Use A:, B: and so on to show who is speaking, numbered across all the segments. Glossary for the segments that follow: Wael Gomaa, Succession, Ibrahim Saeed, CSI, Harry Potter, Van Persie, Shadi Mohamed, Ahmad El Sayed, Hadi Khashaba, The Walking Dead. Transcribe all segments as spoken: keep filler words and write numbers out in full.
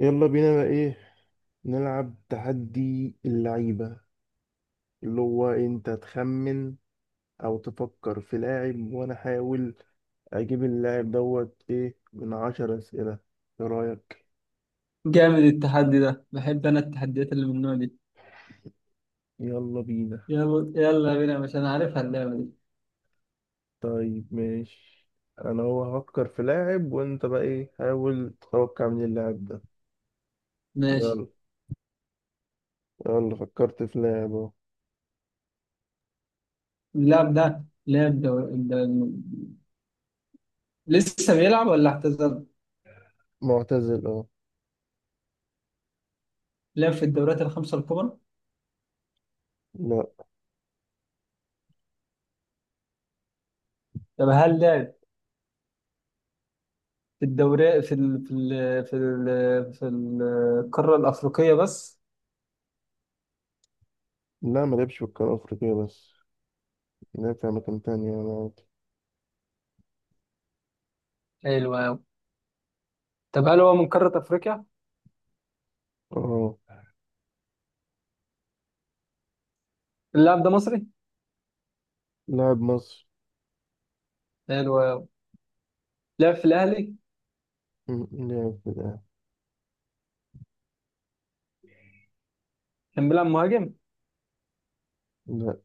A: يلا بينا بقى، ايه؟ نلعب تحدي اللعيبة، اللي هو انت تخمن او تفكر في لاعب وانا احاول اجيب اللاعب دوت ايه من عشر اسئلة. ايه رأيك؟
B: جامد التحدي ده، بحب انا التحديات اللي من النوع دي.
A: يلا بينا.
B: يلا يلا بينا، مش انا عارفها اللعبه دي.
A: طيب ماشي. انا هو هفكر في لاعب وانت بقى ايه، حاول تتوقع من اللاعب ده.
B: ماشي.
A: يلا، يلا فكرت في لاعب اهو.
B: اللاعب ده لعب دور... الد- لسه بيلعب ولا اعتزل؟
A: معتزل، اه.
B: لعب في الدوريات الخمسه الكبرى؟
A: لا،
B: طب هل لعب في الدوري، في ال... في ال... في ال... في القاره الافريقيه بس؟
A: لا ما لعبش في القارة الافريقية بس، لعب في اماكن تانية يعني عادي.
B: حلو قوي. طب هل هو من قاره افريقيا؟
A: اه،
B: اللاعب ده مصري؟
A: لاعب مصري.
B: حلو قوي. لعب في الاهلي؟
A: مم. لا كده.
B: كان بيلعب مهاجم؟
A: لا،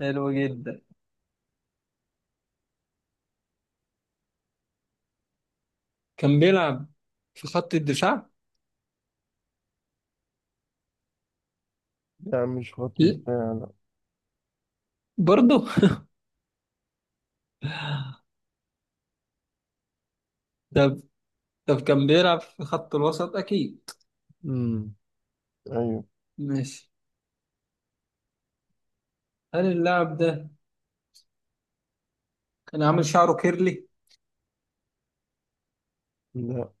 B: حلو جدا. كان بيلعب في خط الدفاع؟
A: لا مش خط
B: ل-
A: دفاع، لا.
B: برضه؟ طب، طب كان بيلعب في خط الوسط أكيد.
A: مم. أيوه.
B: ماشي. هل اللاعب ده كان عامل شعره كيرلي؟
A: لا،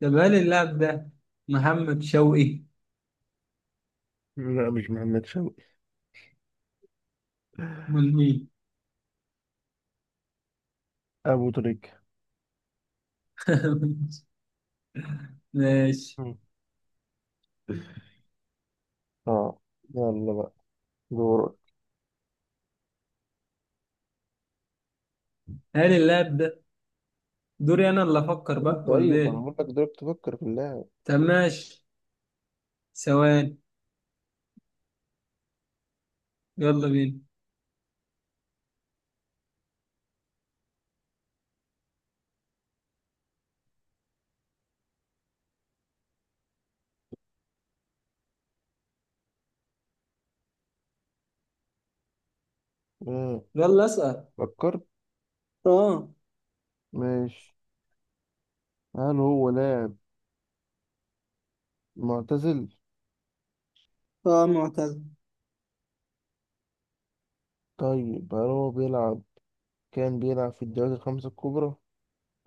B: طب هل اللاعب ده محمد شوقي؟
A: لا مش محمد شوقي.
B: من مين؟
A: أبو تريكة.
B: ماشي.
A: مم. اه، يلا بقى دورك.
B: هل اللاعب ده... دوري أنا اللي أفكر بقى ولا
A: طيب، انا
B: إيه؟
A: هقول لك دورك تفكر في اللاعب.
B: طب ماشي. ثواني. يلا بينا.
A: مم.
B: يلا أسأل.
A: فكرت.
B: اه.
A: ماشي، هل هو لاعب معتزل؟
B: اه معتزل.
A: طيب، هل هو بيلعب كان بيلعب في الدوري الخمسة الكبرى؟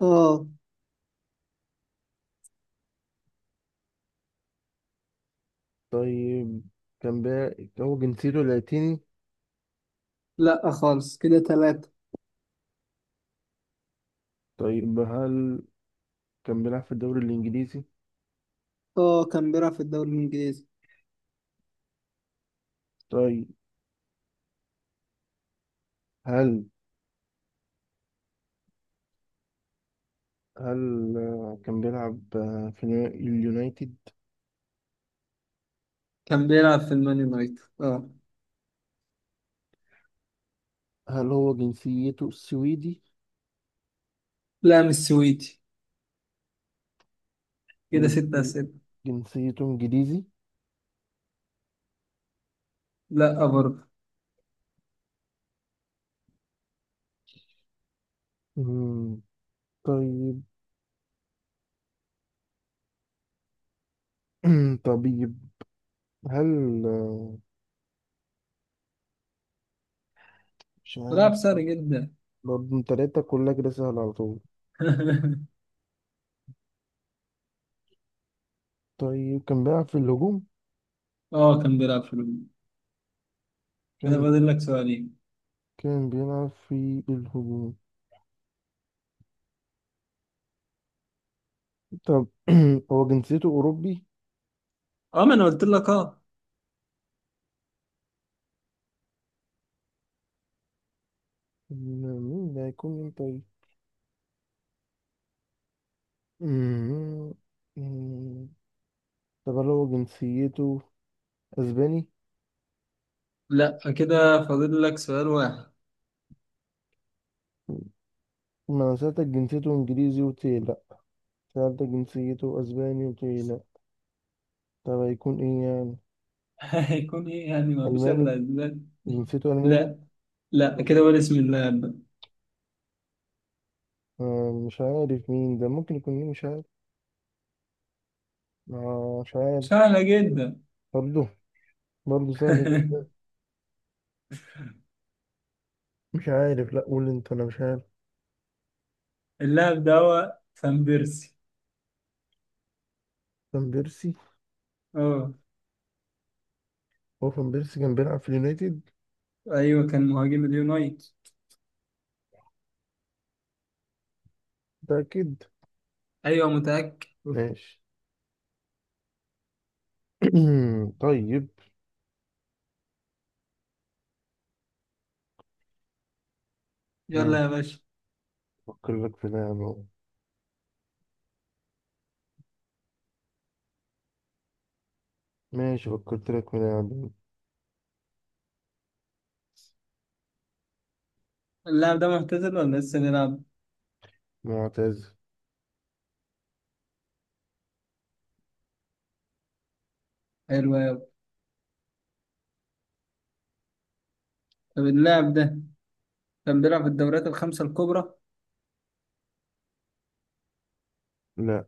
B: اه.
A: طيب، كان بي... هو جنسيته لاتيني؟
B: لا خالص، كده ثلاثة.
A: طيب، هل كان بيلعب في الدوري الإنجليزي؟
B: اه كان بيلعب في الدوري الانجليزي.
A: طيب، هل هل آه، كان بيلعب آه، في اليو- اليونايتد؟
B: كان بيلعب في المان يونايتد، اه.
A: هل هو جنسيته سويدي؟
B: لا مش سويتي. كده ست
A: جن-
B: أسئلة.
A: جنسيته انجليزي؟
B: لا برضه.
A: مم، طيب. طبيب. هل آه، مش عارف.
B: بيلعب سهل جدا.
A: برضه انت لقيتها كلها كده سهلة على طول. طيب، كان بيلعب في الهجوم؟
B: اه كان بيلعب في الهجوم. كده
A: كان
B: فاضل لك سؤالين.
A: كان بيلعب في الهجوم. طب، هو جنسيته أوروبي؟
B: اه ما انا قلت لك اه.
A: مم، مين ده، هيكون مين طيب؟ مم، مم. طب، هل هو جنسيته أسباني؟
B: لا، كده فاضل لك سؤال واحد.
A: ما أنا سألتك جنسيته إنجليزي، قلت لي لأ. سألتك جنسيته أسباني، قلت لي لأ. طب هيكون إيه يعني؟
B: هيكون ايه يعني؟ ما فيش
A: ألماني؟
B: الا اسباب.
A: جنسيته ألماني؟
B: لا. لا، كده
A: طب،
B: قول اسم اللاعب ده.
A: آه، مش عارف مين ده، ممكن يكون مين؟ مش عارف. آه، مش عارف.
B: سهلة جدا.
A: برضه برضه سهل جدا. مش عارف، لأ قول أنت، أنا مش عارف.
B: اللاعب ده هو فان بيرسي.
A: فان بيرسي؟
B: اه.
A: هو فان بيرسي كان بيلعب في اليونايتد؟
B: ايوه، كان مهاجم اليونايتد.
A: متأكد؟
B: ايوه متأكد.
A: ماشي. طيب.
B: يلا يا
A: ماشي.
B: باشا.
A: فكر لك في لاعب أهو. ماشي، فكرت لك في لاعب.
B: اللاعب ده معتزل ولا لسه بيلعب؟
A: معتز
B: حلو أوي. طب اللاعب ده كان بيلعب في الدوريات الخمسة الكبرى؟
A: لأ.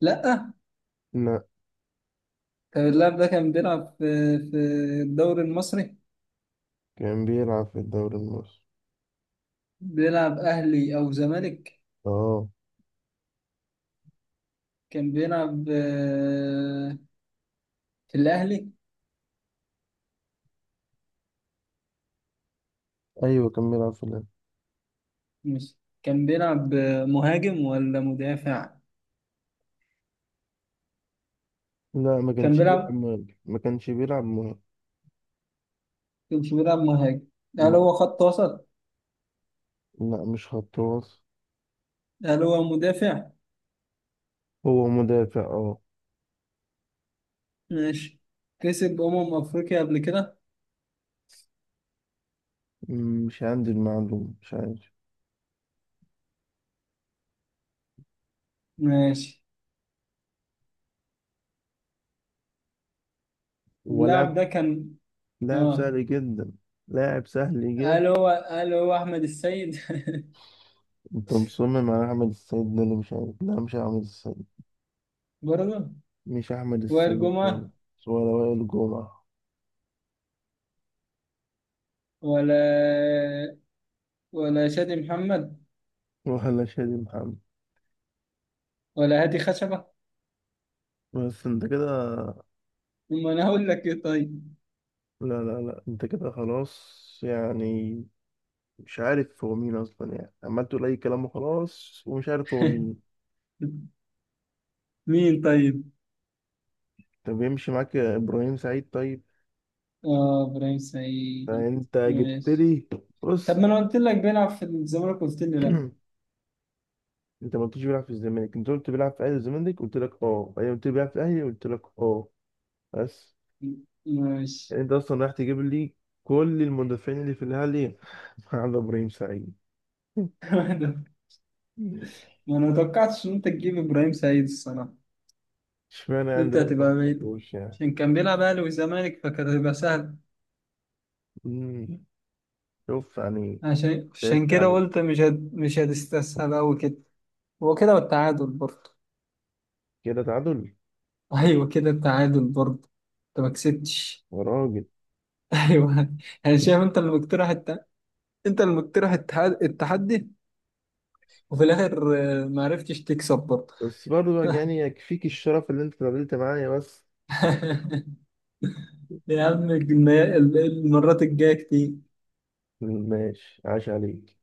B: لا.
A: لأ.
B: طب اللاعب ده كان بيلعب في في الدوري المصري؟
A: كان بيلعب في الدوري المصري.
B: بيلعب أهلي أو زمالك؟
A: اه.
B: كان بيلعب آه، في الأهلي؟
A: ايوه كان بيلعب في الاهلي.
B: مش كان بيلعب آه، مهاجم ولا مدافع؟
A: لا، ما
B: كان
A: كانش بيلعب
B: بيلعب،
A: مهاجم، ما كانش بيلعب مهاجم.
B: مش بيلعب مهاجم. هل
A: لا.
B: هو خط وسط؟
A: لا، مش خط وسط.
B: هل هو مدافع؟
A: هو مدافع، اه.
B: ماشي. كسب أمم أفريقيا قبل كده؟
A: مم، مش عندي المعلومة، مش عارف.
B: ماشي.
A: ولاعب
B: اللاعب ده كان...
A: لاعب
B: اه.
A: سهل جدا. لاعب سهل جدا.
B: هل هو هل هو أحمد السيد؟
A: انت مصمم على احمد السيد ده، اللي مش عارف، لا مش احمد السيد.
B: برضه.
A: مش احمد
B: وائل
A: السيد
B: جمعة،
A: خالص، ولا وائل جمعة،
B: ولا ولا شادي محمد،
A: ولا شادي محمد.
B: ولا هادي خشبة؟
A: بس انت كده.
B: أما أنا هقول لك إيه طيب؟
A: لا، لا، لا، انت كده خلاص يعني. مش عارف هو مين اصلا، يعني عمال تقول اي كلام وخلاص، ومش عارف هو مين.
B: مين طيب؟
A: طب يمشي معاك يا ابراهيم سعيد، طيب.
B: آه إبراهيم سعيد.
A: فانت جبت
B: ماشي.
A: لي.
B: طب
A: بص.
B: ما أنا قلت لك بيلعب في الزمالك، قلت لي لأ.
A: انت ما قلتش بيلعب في الزمالك، انت قلت بيلعب في اهلي الزمالك، قلت لك اه، ايوه. قلت لي بيلعب في اهلي، قلت لك اه. بس.
B: ماشي.
A: يعني انت اصلا رايح تجيب لي كل المدافعين اللي في الاهلي على ابراهيم سعيد.
B: ما أنا متوقعتش إن أنت تجيب إبراهيم سعيد الصراحة.
A: اشمعنى
B: قلت
A: عندنا، ما
B: هتبقى بعيد،
A: توقعتوش يعني؟
B: عشان كان بيلعب أهلي وزمالك فكانت هتبقى سهل.
A: مم. شوف يعني.
B: عشان عشان
A: ضحكت
B: كده
A: عليه.
B: قلت مش هد... مش هتستسهل أوي كده. هو كده، والتعادل برضه.
A: كده تعادل.
B: أيوه كده، التعادل برضه. أنت ما كسبتش.
A: يا راجل.
B: أيوه. أنا شايف أنت اللي مقترح، انت اللي مقترح التحدي، التحدي وفي الاخر آه، ما عرفتش تكسب برضه.
A: بس برضه بقى يعني، يكفيك الشرف اللي انت اتقابلت معايا بس.
B: يا عم الجنا- المرات الجايه كتير.
A: ماشي، عاش عليك.